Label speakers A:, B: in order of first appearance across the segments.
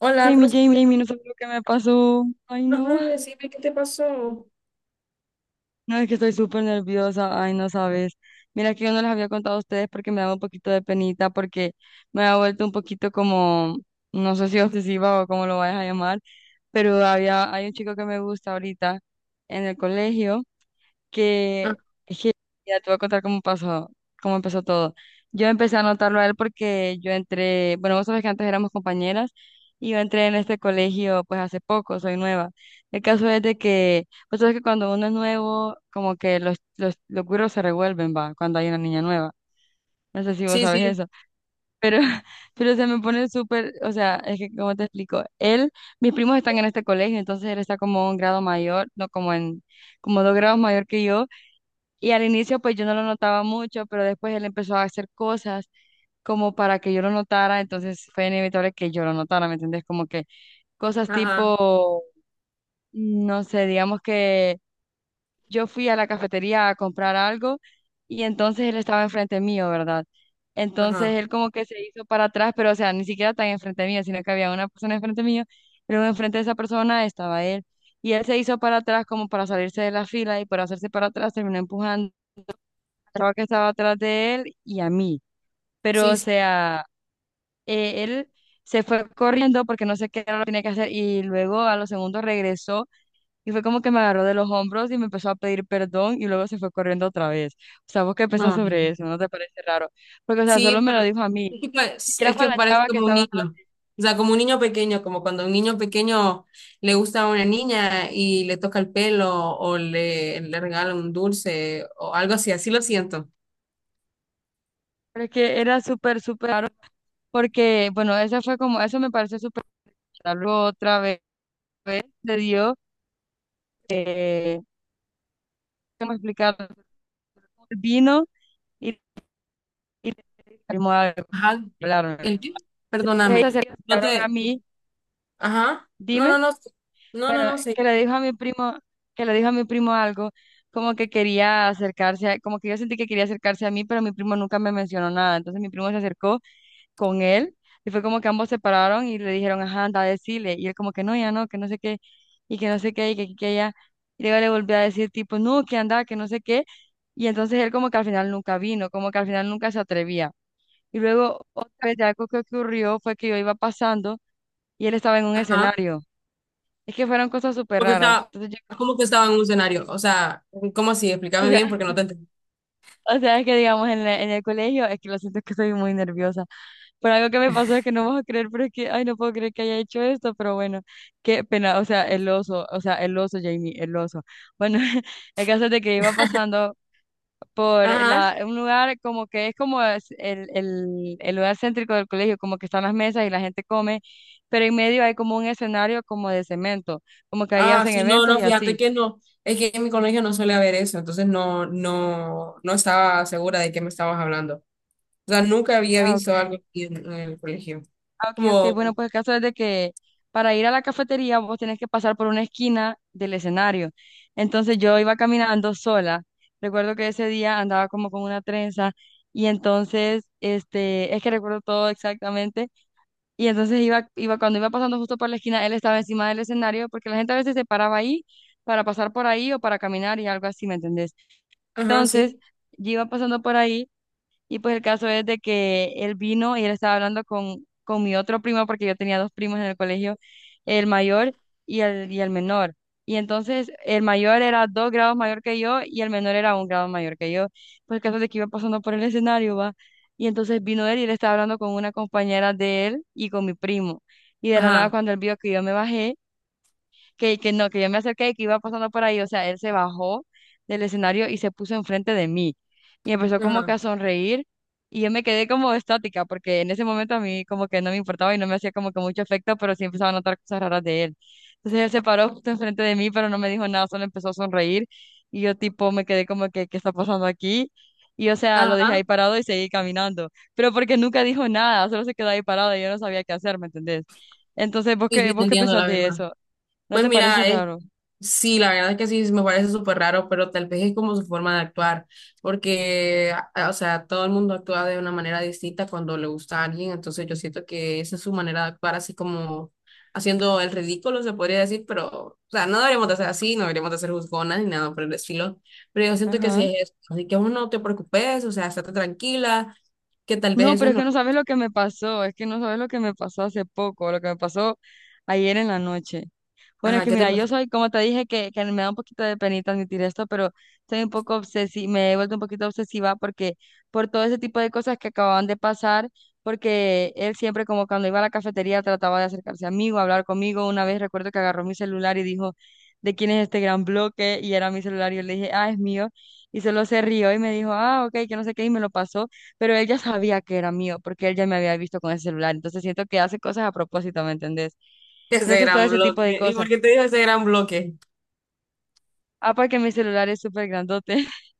A: Hola, ¿cómo
B: Jamie,
A: estás?
B: Jamie, Jamie, no sabes lo que me pasó. Ay,
A: Ajá,
B: no.
A: decime, ¿qué te pasó?
B: No, es que estoy súper nerviosa. Ay, no sabes. Mira que yo no les había contado a ustedes porque me daba un poquito de penita, porque me ha vuelto un poquito como, no sé si obsesiva o como lo vayas a llamar, pero hay un chico que me gusta ahorita en el colegio.
A: Ah,
B: Que es que ya te voy a contar cómo pasó, cómo empezó todo. Yo empecé a notarlo a él porque yo entré, bueno, vos sabés que antes éramos compañeras y yo entré en este colegio pues hace poco, soy nueva. El caso es de que, vos sabés que cuando uno es nuevo, como que los güiros se revuelven, va, cuando hay una niña nueva. No sé si vos
A: sí,
B: sabes
A: sí,
B: eso, pero, pero se me pone súper, o sea, es que, ¿cómo te explico? Él, mis primos están en este colegio, entonces él está como un grado mayor, no como en, como dos grados mayor que yo, y al inicio pues yo no lo notaba mucho, pero después él empezó a hacer cosas como para que yo lo notara, entonces fue inevitable que yo lo notara, ¿me entendés? Como que cosas
A: ajá,
B: tipo, no sé, digamos que yo fui a la cafetería a comprar algo y entonces él estaba enfrente mío, ¿verdad? Entonces
A: ajá.
B: él como que se hizo para atrás, pero o sea, ni siquiera tan enfrente mío, sino que había una persona enfrente mío, luego enfrente de esa persona estaba él. Y él se hizo para atrás como para salirse de la fila y por hacerse para atrás terminó empujando chava que estaba atrás de él y a mí. Pero, o
A: Sí, sí,
B: sea, él se fue corriendo porque no sé qué era lo que tenía que hacer y luego a los segundos regresó y fue como que me agarró de los hombros y me empezó a pedir perdón y luego se fue corriendo otra vez. O sea, ¿vos qué pensás
A: no,
B: sobre eso? ¿No te parece raro? Porque, o sea, solo
A: sí,
B: me lo
A: pero
B: dijo a mí.
A: es que
B: Ni siquiera
A: es
B: fue a
A: que
B: la
A: parece
B: chava que
A: como un
B: estaba atrás,
A: niño. O sea, como un niño pequeño, como cuando un niño pequeño le gusta a una niña y le toca el pelo o le regala un dulce o algo así, así lo siento.
B: pero es que era súper, súper raro porque, bueno, esa fue como, eso me pareció súper raro. Luego otra vez, se dio, eh, ¿cómo explicarlo? Vino. y y mismo a
A: Ajá,
B: hablarme.
A: ¿el qué?
B: Entonces,
A: Perdóname.
B: ellos se
A: No
B: acercaron a
A: te,
B: mí,
A: ajá, no, no,
B: dime,
A: no, no, no,
B: bueno,
A: no,
B: que
A: sé.
B: le dijo a mi primo, que le dijo a mi primo algo, como que quería acercarse, a- como que yo sentí que quería acercarse a mí, pero mi primo nunca me mencionó nada. Entonces mi primo se acercó con él y fue como que ambos se pararon y le dijeron, ajá, anda a decirle. Y él como que no, ya no, que no sé qué, y que no sé qué, y que aquí, que allá. Y luego le volví a decir tipo, no, que anda, que no sé qué. Y entonces él como que al final nunca vino, como que al final nunca se atrevía. Y luego otra vez algo que ocurrió fue que yo iba pasando y él estaba en un escenario. Es que fueron cosas súper
A: ¿Cómo que
B: raras.
A: estaba,
B: Entonces
A: cómo que
B: yo,
A: estaba en un escenario? O sea, ¿cómo así?
B: o
A: Explícame bien
B: sea,
A: porque no te entendí.
B: o sea, es que digamos en, la- en el colegio, es que lo siento es que soy muy nerviosa. Pero algo que me pasó es que no vas a creer, pero es que, ay, no puedo creer que haya hecho esto, pero bueno, qué pena, o sea, el oso, o sea, el oso, Jamie, el oso. Bueno, el caso es de que iba pasando por
A: Ajá.
B: la, un lugar como que es como es el lugar céntrico del colegio, como que están las mesas y la gente come, pero en medio hay como un escenario como de cemento, como que ahí
A: Ah,
B: hacen
A: sí, no,
B: eventos
A: no,
B: y
A: fíjate
B: así.
A: que no. Es que en mi colegio no suele haber eso, entonces no, no, no estaba segura de qué me estabas hablando. O sea, nunca había
B: Ah,
A: visto
B: ok.
A: algo así en el colegio.
B: Ah, ok, ok.
A: Como,
B: Bueno, pues el caso es de que para ir a la cafetería vos tenés que pasar por una esquina del escenario. Entonces yo iba caminando sola. Recuerdo que ese día andaba como con una trenza y entonces, este, es que recuerdo todo exactamente. Y entonces cuando iba pasando justo por la esquina, él estaba encima del escenario, porque la gente a veces se paraba ahí para pasar por ahí o para caminar y algo así, ¿me entendés?
A: ajá,
B: Entonces,
A: sí,
B: yo iba pasando por ahí y pues el caso es de que él vino y él estaba hablando con mi otro primo, porque yo tenía dos primos en el colegio, el mayor y el menor. Y entonces el mayor era dos grados mayor que yo y el menor era un grado mayor que yo. Pues el caso es de que iba pasando por el escenario, va. Y entonces vino él y él estaba hablando con una compañera de él y con mi primo. Y de la nada,
A: ajá,
B: cuando él vio que yo me bajé, que no, que yo me acerqué y que iba pasando por ahí, o sea, él se bajó del escenario y se puso enfrente de mí y empezó como que a
A: ajá,
B: sonreír y yo me quedé como estática porque en ese momento a mí como que no me importaba y no me hacía como que mucho efecto, pero sí empezaba a notar cosas raras de él. Entonces él se paró justo enfrente de mí, pero no me dijo nada, solo empezó a sonreír y yo tipo me quedé como que, ¿qué está pasando aquí? Y o sea, lo dejé
A: ajá,
B: ahí parado y seguí caminando, pero porque nunca dijo nada, solo se quedó ahí parado y yo no sabía qué hacer, ¿me entendés? Entonces,
A: y estoy
B: vos qué
A: entendiendo
B: pensás
A: la
B: de
A: verdad.
B: eso? ¿No
A: Pues
B: te parece
A: mira, es.
B: raro?
A: Sí, la verdad que sí, me parece súper raro, pero tal vez es como su forma de actuar, porque, o sea, todo el mundo actúa de una manera distinta cuando le gusta a alguien, entonces yo siento que esa es su manera de actuar, así como haciendo el ridículo, se podría decir, pero, o sea, no deberíamos de ser así, no deberíamos de ser juzgonas ni nada por el estilo, pero yo siento que sí
B: Ajá.
A: es eso, así que uno no te preocupes, o sea, estate tranquila, que tal vez
B: No,
A: eso
B: pero
A: es
B: es que no
A: normal.
B: sabes lo que me pasó, es que no sabes lo que me pasó hace poco, lo que me pasó ayer en la noche. Bueno, es
A: Ajá,
B: que
A: ¿qué te
B: mira, yo
A: pasó?
B: soy, como te dije, que me da un poquito de penita admitir esto, pero soy un poco obsesiva, me he vuelto un poquito obsesiva porque por todo ese tipo de cosas que acababan de pasar, porque él siempre como cuando iba a la cafetería trataba de acercarse a mí o hablar conmigo. Una vez recuerdo que agarró mi celular y dijo, ¿de quién es este gran bloque? Y era mi celular y yo le dije, ah, es mío. Y solo se rió y me dijo, ah, ok, que no sé qué, y me lo pasó, pero él ya sabía que era mío porque él ya me había visto con ese celular. Entonces siento que hace cosas a propósito, ¿me entendés?
A: Ese
B: Entonces, todo
A: gran
B: ese tipo de
A: bloque, ¿y
B: cosas.
A: por qué te digo ese gran bloque?
B: Ah, porque mi celular es súper grandote.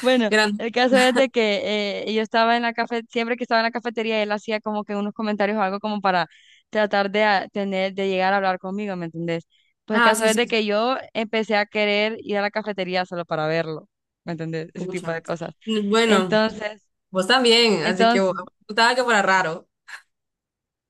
B: Bueno,
A: Gran...
B: el caso es de que yo estaba en la cafetería, siempre que estaba en la cafetería, él hacía como que unos comentarios o algo como para tratar de llegar a hablar conmigo, ¿me entendés? Pues el
A: Ah,
B: caso
A: sí,
B: es de
A: sí,
B: que yo empecé a querer ir a la cafetería solo para verlo, ¿me entendés? Ese tipo
A: pucha.
B: de cosas.
A: Bueno.
B: Entonces,
A: Vos también, así que vos
B: entonces,
A: gustaba que fuera raro.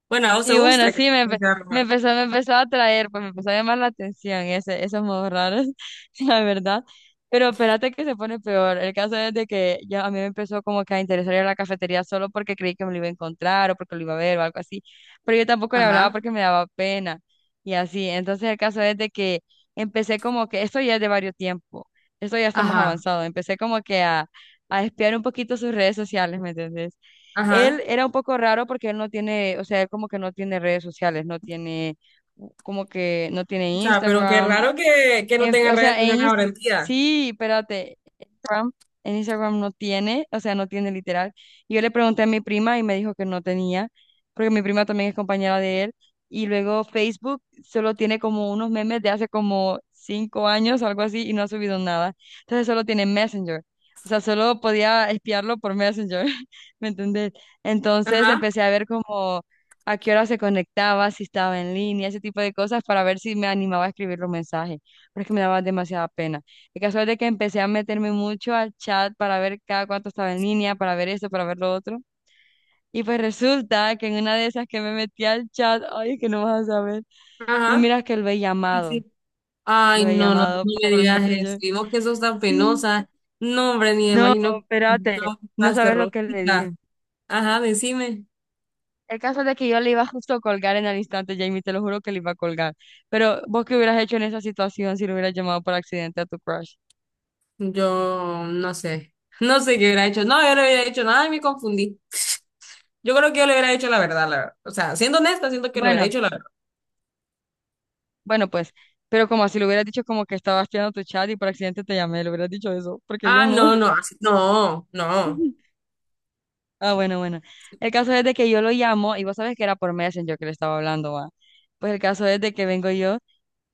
A: Bueno, a vos te
B: sí, bueno,
A: gusta que
B: sí,
A: que sea raro.
B: me empezó a atraer, pues me empezó a llamar la atención ese, esos modos raros, la verdad. Pero espérate que se pone peor. El caso es de que ya a mí me empezó como que a interesar ir a la cafetería solo porque creí que me lo iba a encontrar o porque lo iba a ver o algo así. Pero yo tampoco le hablaba
A: Ajá,
B: porque me daba pena y así. Entonces el caso es de que empecé como que, esto ya es de varios tiempo, esto ya estamos
A: ajá.
B: avanzados. Empecé como que a espiar un poquito sus redes sociales, ¿me entendés? Él
A: Ajá.
B: era un poco raro porque él no tiene, o sea, él como que no tiene redes sociales, no tiene, como que no tiene
A: O sea, pero qué
B: Instagram.
A: raro que no tenga
B: O
A: redes
B: sea,
A: sociales ahora en día.
B: Sí, espérate, Instagram, en Instagram no tiene, o sea, no tiene literal. Y yo le pregunté a mi prima y me dijo que no tenía, porque mi prima también es compañera de él. Y luego Facebook solo tiene como unos memes de hace como 5 años, algo así, y no ha subido nada. Entonces solo tiene Messenger. O sea, solo podía espiarlo por Messenger, ¿me entendés? Entonces
A: Ajá,
B: empecé a ver como a qué hora se conectaba, si estaba en línea, ese tipo de cosas, para ver si me animaba a escribirle un mensaje, porque me daba demasiada pena. El caso es de que empecé a meterme mucho al chat para ver cada cuánto estaba en línea, para ver esto, para ver lo otro. Y pues resulta que en una de esas que me metí al chat, ay, que no vas a saber. No,
A: ajá.
B: miras que
A: Sí, sí. Ay,
B: lo he
A: no, no, no
B: llamado
A: me
B: por
A: digas eso.
B: Messenger.
A: Y vos que sos tan
B: Sí.
A: penosa. No, hombre, ni me
B: No,
A: imagino
B: espérate,
A: cómo
B: no
A: estás de
B: sabes lo que le dije.
A: rojita. Ajá, decime.
B: El caso es de que yo le iba justo a colgar en el instante, Jamie, te lo juro que le iba a colgar. Pero vos qué hubieras hecho en esa situación si lo hubieras llamado por accidente a tu crush.
A: Yo no sé. No sé qué hubiera hecho. No, yo no hubiera hecho nada y me confundí. Yo creo que yo le hubiera hecho la verdad, la verdad. O sea, siendo honesta, siento que lo hubiera
B: Bueno.
A: hecho la.
B: Bueno, pues, pero como si lo hubieras dicho, como que estabas tirando tu chat y por accidente te llamé, le hubieras dicho eso, porque yo
A: Ah,
B: no.
A: no, no, no.
B: Ah, bueno, bueno. El caso es de que yo lo llamo, y vos sabés que era por Messenger que le estaba hablando, va. Pues el caso es de que vengo yo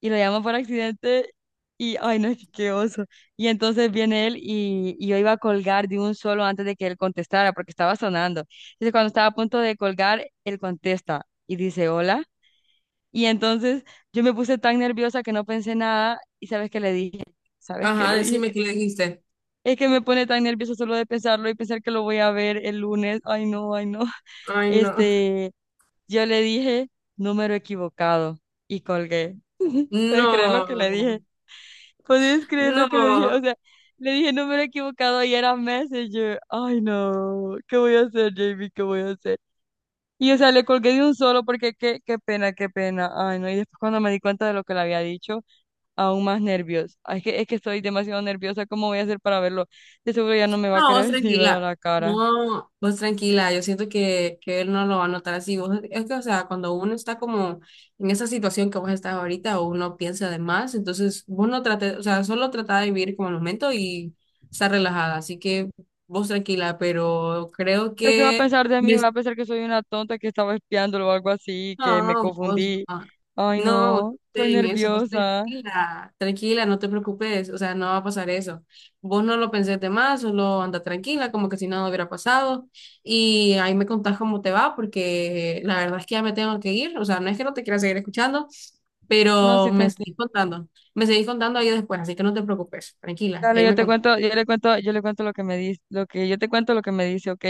B: y lo llamo por accidente y, ay, no, qué oso. Y entonces viene él y yo iba a colgar de un solo antes de que él contestara, porque estaba sonando. Entonces cuando estaba a punto de colgar, él contesta y dice, hola. Y entonces yo me puse tan nerviosa que no pensé nada y ¿sabes qué le dije? ¿Sabes qué
A: Ajá,
B: le dije?
A: decime qué le dijiste.
B: Es que me pone tan nerviosa solo de pensarlo y pensar que lo voy a ver el lunes. Ay, no, ay, no.
A: Ay, no.
B: Este, yo le dije número equivocado y colgué. ¿Puedes creer lo que le dije?
A: No,
B: ¿Puedes creer lo que le dije? O
A: no.
B: sea, le dije número equivocado y era Messenger. Ay, no. ¿Qué voy a hacer, Jamie? ¿Qué voy a hacer? Y o sea, le colgué de un solo porque qué pena, qué pena. Ay, no. Y después cuando me di cuenta de lo que le había dicho, aún más nervios. Ah, es que estoy demasiado nerviosa. ¿Cómo voy a hacer para verlo? De seguro ya no me va a
A: No, vos
B: querer ni ver a
A: tranquila.
B: la cara.
A: No, vos tranquila. Yo siento que él no lo va a notar así. Vos, es que, o sea, cuando uno está como en esa situación que vos estás ahorita, uno piensa de más, entonces vos no trates, o sea, solo trata de vivir como el momento y estar relajada. Así que vos tranquila, pero creo
B: ¿Pero qué va a
A: que...
B: pensar de mí? ¿Va a pensar que soy una tonta que estaba espiándolo o algo así, que me
A: No, vos
B: confundí?
A: no.
B: Ay,
A: No, vos
B: no,
A: no
B: estoy
A: estés en eso, vos
B: nerviosa.
A: tranquila, tranquila, no te preocupes, o sea, no va a pasar eso. Vos no lo pensés de más, solo anda tranquila, como que si nada hubiera pasado. Y ahí me contás cómo te va, porque la verdad es que ya me tengo que ir, o sea, no es que no te quiera seguir escuchando,
B: No,
A: pero
B: sí te entiendo.
A: me seguís contando ahí después, así que no te preocupes, tranquila,
B: Dale,
A: ahí
B: yo
A: me
B: te
A: contás.
B: cuento, yo le cuento lo que me dice, lo que yo te cuento lo que me dice, ¿ok?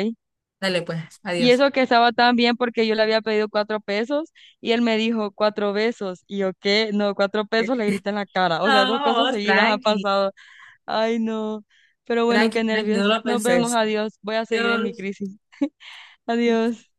A: Dale, pues,
B: Y
A: adiós.
B: eso que estaba tan bien porque yo le había pedido 4 pesos y él me dijo cuatro besos. Y yo, ¿qué? No, 4 pesos le grité en la cara. O sea, dos
A: No,
B: cosas
A: vos
B: seguidas han
A: tranqui,
B: pasado. Ay, no. Pero bueno, qué
A: tranqui, tranqui, no
B: nervios.
A: lo
B: Nos vemos,
A: pensés.
B: adiós. Voy a seguir en mi
A: Adiós.
B: crisis. Adiós.